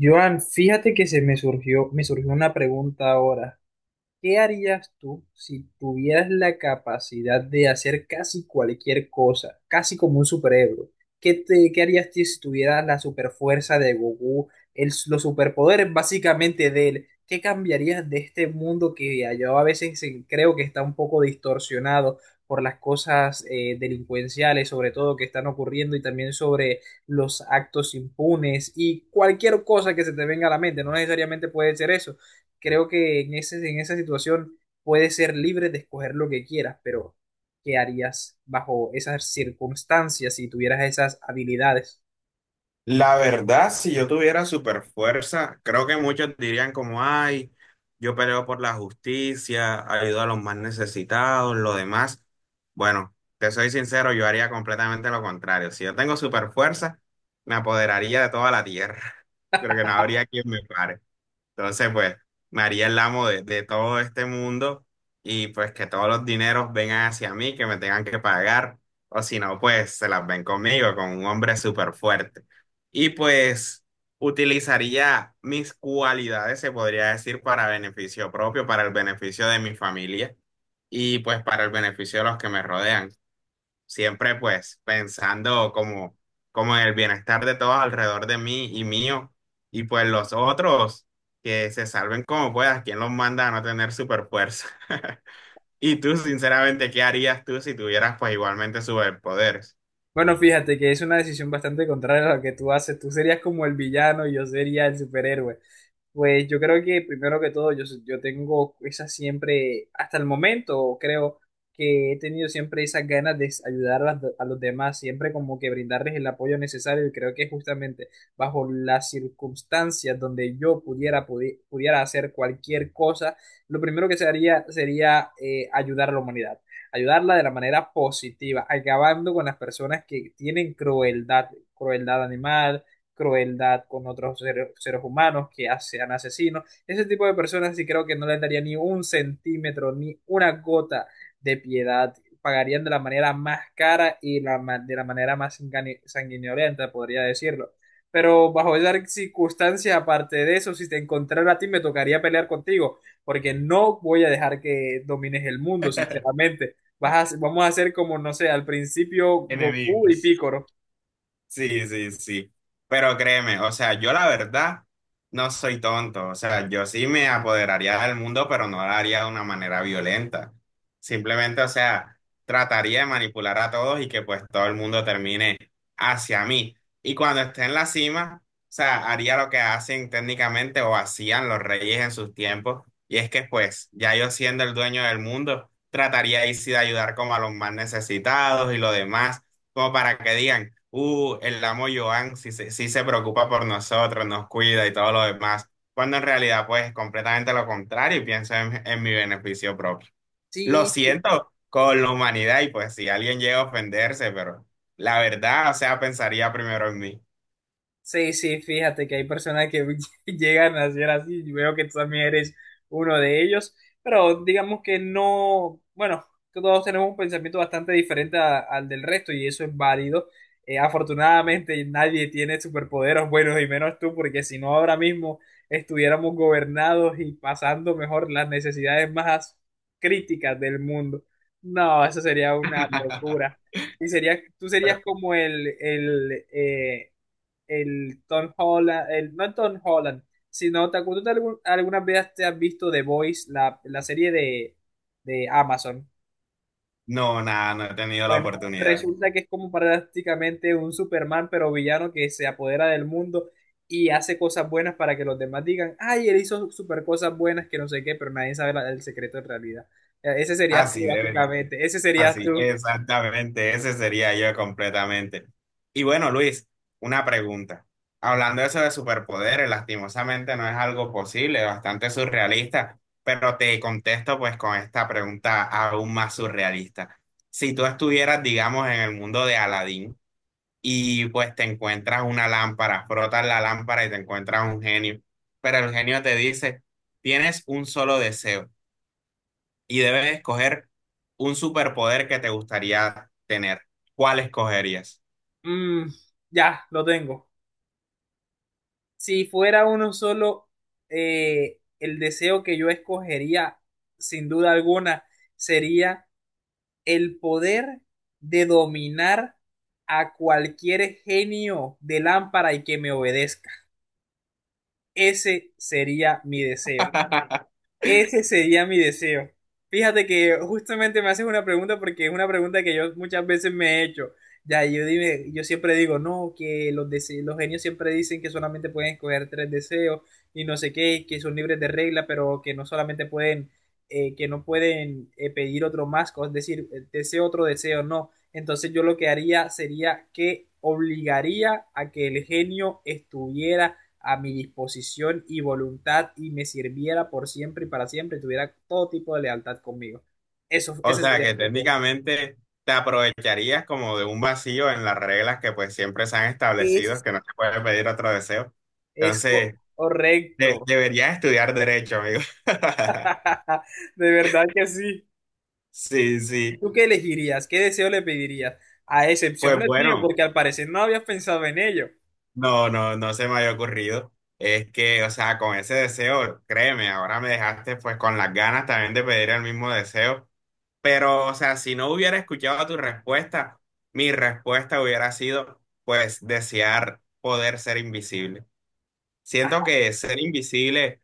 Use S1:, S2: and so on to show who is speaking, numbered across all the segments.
S1: Joan, fíjate que me surgió una pregunta ahora. ¿Qué harías tú si tuvieras la capacidad de hacer casi cualquier cosa, casi como un superhéroe? ¿Qué harías tú si tuvieras la superfuerza de Goku, los superpoderes básicamente de él? ¿Qué cambiarías de este mundo que yo a veces creo que está un poco distorsionado por las cosas delincuenciales, sobre todo que están ocurriendo y también sobre los actos impunes y cualquier cosa que se te venga a la mente? No necesariamente puede ser eso, creo que en esa situación puedes ser libre de escoger lo que quieras, pero ¿qué harías bajo esas circunstancias si tuvieras esas habilidades?
S2: La verdad, si yo tuviera super fuerza, creo que muchos dirían como, ay, yo peleo por la justicia, ayudo a los más necesitados, lo demás. Bueno, te soy sincero, yo haría completamente lo contrario. Si yo tengo super fuerza, me apoderaría de toda la tierra. Creo que no habría quien me pare. Entonces, pues, me haría el amo de todo este mundo y pues que todos los dineros vengan hacia mí, que me tengan que pagar, o si no, pues se las ven conmigo, con un hombre súper fuerte. Y pues utilizaría mis cualidades, se podría decir, para beneficio propio, para el beneficio de mi familia y pues para el beneficio de los que me rodean siempre pues pensando como, como en el bienestar de todos alrededor de mí y mío, y pues los otros que se salven como puedas, ¿quién los manda a no tener super fuerza? Y tú, sinceramente, ¿qué harías tú si tuvieras pues igualmente superpoderes?
S1: Bueno, fíjate que es una decisión bastante contraria a lo que tú haces. Tú serías como el villano y yo sería el superhéroe. Pues yo creo que primero que todo yo tengo esa siempre, hasta el momento creo que he tenido siempre esas ganas de ayudar a los demás, siempre como que brindarles el apoyo necesario y creo que justamente bajo las circunstancias donde yo pudiera hacer cualquier cosa, lo primero que se haría sería, ayudar a la humanidad, ayudarla de la manera positiva, acabando con las personas que tienen crueldad, crueldad animal, crueldad con otros seres humanos, que sean asesinos. Ese tipo de personas sí creo que no les daría ni un centímetro, ni una gota de piedad. Pagarían de la manera más cara y de la manera más sanguinolenta, podría decirlo. Pero bajo esas circunstancias aparte de eso, si te encontrara a ti, me tocaría pelear contigo, porque no voy a dejar que domines el mundo, sinceramente. Vamos a hacer como, no sé, al principio Goku y
S2: Enemigos.
S1: Piccolo.
S2: Sí, sí, sí. Pero créeme, o sea, yo la verdad no soy tonto. O sea, yo sí me apoderaría del mundo, pero no lo haría de una manera violenta. Simplemente, o sea, trataría de manipular a todos y que pues todo el mundo termine hacia mí. Y cuando esté en la cima, o sea, haría lo que hacen técnicamente o hacían los reyes en sus tiempos. Y es que pues, ya yo siendo el dueño del mundo, trataría ahí sí de ayudar como a los más necesitados y lo demás, como para que digan. El amo Joan sí se preocupa por nosotros, nos cuida y todo lo demás, cuando en realidad pues es completamente lo contrario y pienso en mi beneficio propio. Lo
S1: Sí,
S2: siento con la humanidad y pues si alguien llega a ofenderse, pero la verdad, o sea, pensaría primero en mí.
S1: sí, sí, fíjate que hay personas que llegan a ser así, y veo que tú también eres uno de ellos, pero digamos que no, bueno, todos tenemos un pensamiento bastante diferente al del resto y eso es válido. Afortunadamente nadie tiene superpoderes buenos y menos tú, porque si no ahora mismo estuviéramos gobernados y pasando mejor las necesidades más críticas del mundo. No, eso sería una locura. Y sería, tú serías como el Tom Holland, el, no Tom Holland, sino ¿te acuerdas de algunas veces te has visto The Voice, la serie de Amazon?
S2: No, nada, no he tenido la
S1: Bueno,
S2: oportunidad.
S1: resulta que es como prácticamente un Superman, pero villano que se apodera del mundo y hace cosas buenas para que los demás digan, ay, él hizo super cosas buenas que no sé qué, pero nadie sabe el secreto en realidad. Ese serías tú,
S2: Así debe.
S1: básicamente. Ese serías
S2: Así,
S1: tú.
S2: exactamente, ese sería yo completamente. Y bueno, Luis, una pregunta. Hablando de eso de superpoderes, lastimosamente no es algo posible, bastante surrealista, pero te contesto pues con esta pregunta aún más surrealista. Si tú estuvieras, digamos, en el mundo de Aladín y pues te encuentras una lámpara, frotas la lámpara y te encuentras un genio, pero el genio te dice, tienes un solo deseo y debes escoger un superpoder que te gustaría tener. ¿Cuál escogerías?
S1: Mm, ya, lo tengo. Si fuera uno solo, el deseo que yo escogería, sin duda alguna, sería el poder de dominar a cualquier genio de lámpara y que me obedezca. Ese sería mi deseo. Ese sería mi deseo. Fíjate que justamente me haces una pregunta porque es una pregunta que yo muchas veces me he hecho. Ya, yo dime, yo siempre digo, no, que los genios siempre dicen que solamente pueden escoger tres deseos y no sé qué, que son libres de regla, pero que no solamente pueden, que no pueden, pedir otro más, es decir, deseo otro deseo, no. Entonces yo lo que haría sería que obligaría a que el genio estuviera a mi disposición y voluntad y me sirviera por siempre y para siempre y tuviera todo tipo de lealtad conmigo. Eso,
S2: O
S1: ese
S2: sea
S1: sería
S2: que
S1: mi deseo.
S2: técnicamente te aprovecharías como de un vacío en las reglas que pues siempre se han establecido,
S1: Es,
S2: que no se puede pedir otro deseo.
S1: Es
S2: Entonces,
S1: correcto.
S2: deberías estudiar derecho, amigo.
S1: De verdad que sí.
S2: Sí, sí.
S1: ¿Tú qué elegirías? ¿Qué deseo le pedirías? A excepción
S2: Pues
S1: del mío,
S2: bueno,
S1: porque al parecer no habías pensado en ello.
S2: no se me había ocurrido. Es que, o sea, con ese deseo, créeme, ahora me dejaste pues con las ganas también de pedir el mismo deseo. Pero, o sea, si no hubiera escuchado tu respuesta, mi respuesta hubiera sido, pues, desear poder ser invisible. Siento que ser invisible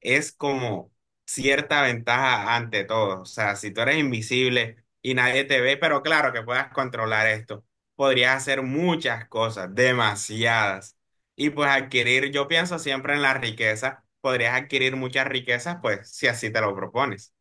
S2: es como cierta ventaja ante todo. O sea, si tú eres invisible y nadie te ve, pero claro que puedas controlar esto, podrías hacer muchas cosas, demasiadas. Y pues adquirir, yo pienso siempre en la riqueza, podrías adquirir muchas riquezas, pues, si así te lo propones.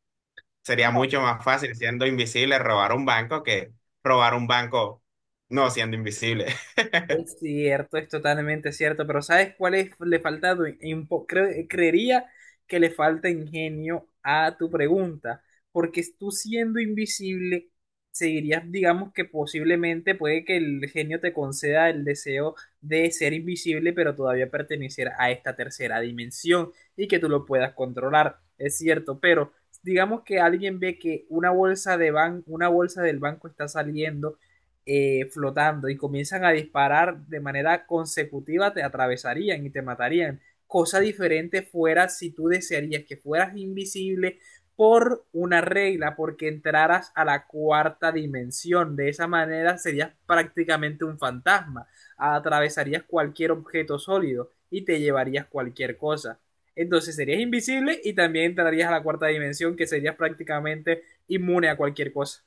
S2: Sería mucho más fácil siendo invisible robar un banco que robar un banco no siendo invisible.
S1: Es cierto, es totalmente cierto, pero ¿sabes cuál es? Le falta, creería que le falta ingenio a tu pregunta, porque tú siendo invisible, seguirías, digamos que posiblemente puede que el genio te conceda el deseo de ser invisible, pero todavía pertenecer a esta tercera dimensión y que tú lo puedas controlar, es cierto, pero digamos que alguien ve que una bolsa del banco está saliendo, flotando y comienzan a disparar de manera consecutiva, te atravesarían y te matarían. Cosa diferente fuera si tú desearías que fueras invisible por una regla, porque entraras a la cuarta dimensión. De esa manera serías prácticamente un fantasma. Atravesarías cualquier objeto sólido y te llevarías cualquier cosa. Entonces serías invisible y también entrarías a la cuarta dimensión, que serías prácticamente inmune a cualquier cosa.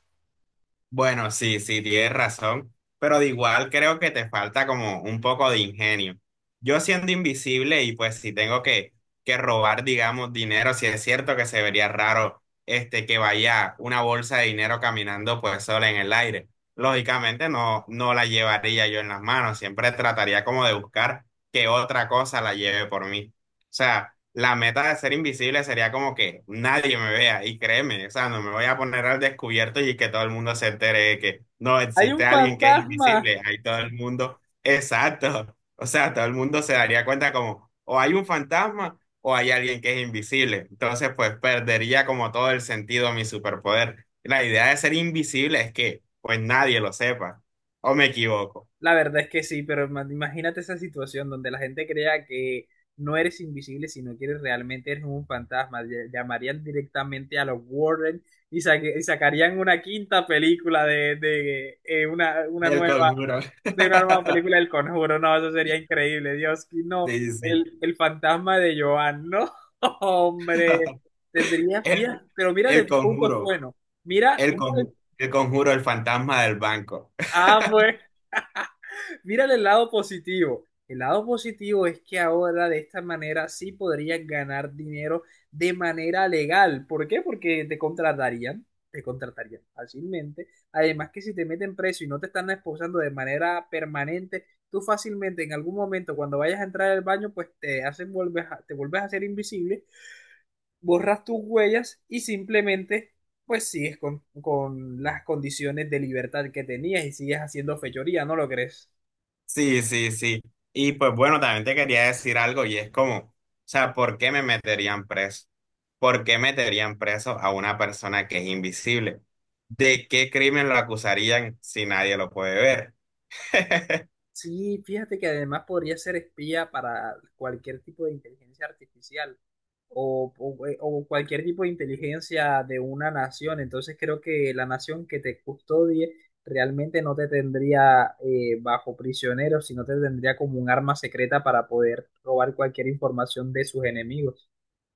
S2: Bueno, sí, sí, tienes razón, pero de igual creo que te falta como un poco de ingenio. Yo siendo invisible y pues si tengo que robar, digamos, dinero, si es cierto que se vería raro este que vaya una bolsa de dinero caminando pues sola en el aire. Lógicamente no, no la llevaría yo en las manos, siempre trataría como de buscar que otra cosa la lleve por mí. O sea, la meta de ser invisible sería como que nadie me vea y créeme, o sea, no me voy a poner al descubierto y que todo el mundo se entere de que no
S1: Hay
S2: existe
S1: un
S2: alguien que es
S1: fantasma.
S2: invisible, ahí todo el mundo, exacto, o sea, todo el mundo se daría cuenta como o hay un fantasma o hay alguien que es invisible, entonces pues perdería como todo el sentido a mi superpoder. La idea de ser invisible es que pues nadie lo sepa, o me equivoco.
S1: La verdad es que sí, pero imagínate esa situación donde la gente crea que no eres invisible, sino que eres realmente eres un fantasma. Llamarían directamente a los Warren y, y sacarían una quinta película una
S2: Del
S1: nueva,
S2: conjuro.
S1: de una nueva película del Conjuro. No, eso sería increíble. Dios, que no.
S2: Sí, sí.
S1: El fantasma de Joan, no, hombre. Tendrías,
S2: El
S1: mira, pero mira
S2: El
S1: el punto
S2: conjuro,
S1: bueno. Mira,
S2: el
S1: mira, el-
S2: conjuro, el conjuro, el fantasma del banco.
S1: ah, bueno. Mírale el lado positivo. El lado positivo es que ahora de esta manera sí podrías ganar dinero de manera legal. ¿Por qué? Porque te contratarían fácilmente. Además que si te meten preso y no te están esposando de manera permanente, tú fácilmente en algún momento cuando vayas a entrar al baño, pues te hacen volver, te vuelves a hacer invisible, borras tus huellas y simplemente pues sigues con las condiciones de libertad que tenías y sigues haciendo fechoría, ¿no lo crees?
S2: Sí, sí, sí. Y pues bueno, también te quería decir algo y es como, o sea, ¿por qué me meterían preso? ¿Por qué meterían preso a una persona que es invisible? ¿De qué crimen lo acusarían si nadie lo puede ver?
S1: Sí, fíjate que además podría ser espía para cualquier tipo de inteligencia artificial o cualquier tipo de inteligencia de una nación. Entonces creo que la nación que te custodie realmente no te tendría, bajo prisionero, sino te tendría como un arma secreta para poder robar cualquier información de sus enemigos.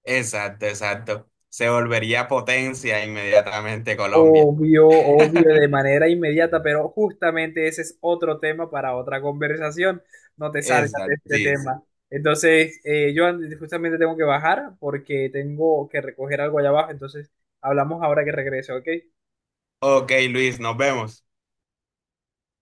S2: Exacto, exacto. Se volvería potencia inmediatamente Colombia.
S1: Obvio, obvio, de manera inmediata, pero justamente ese es otro tema para otra conversación. No te salgas de
S2: Exacto,
S1: este
S2: sí, sí.
S1: tema. Entonces, justamente tengo que bajar porque tengo que recoger algo allá abajo. Entonces, hablamos ahora que regrese, ¿ok?
S2: Ok, Luis, nos vemos.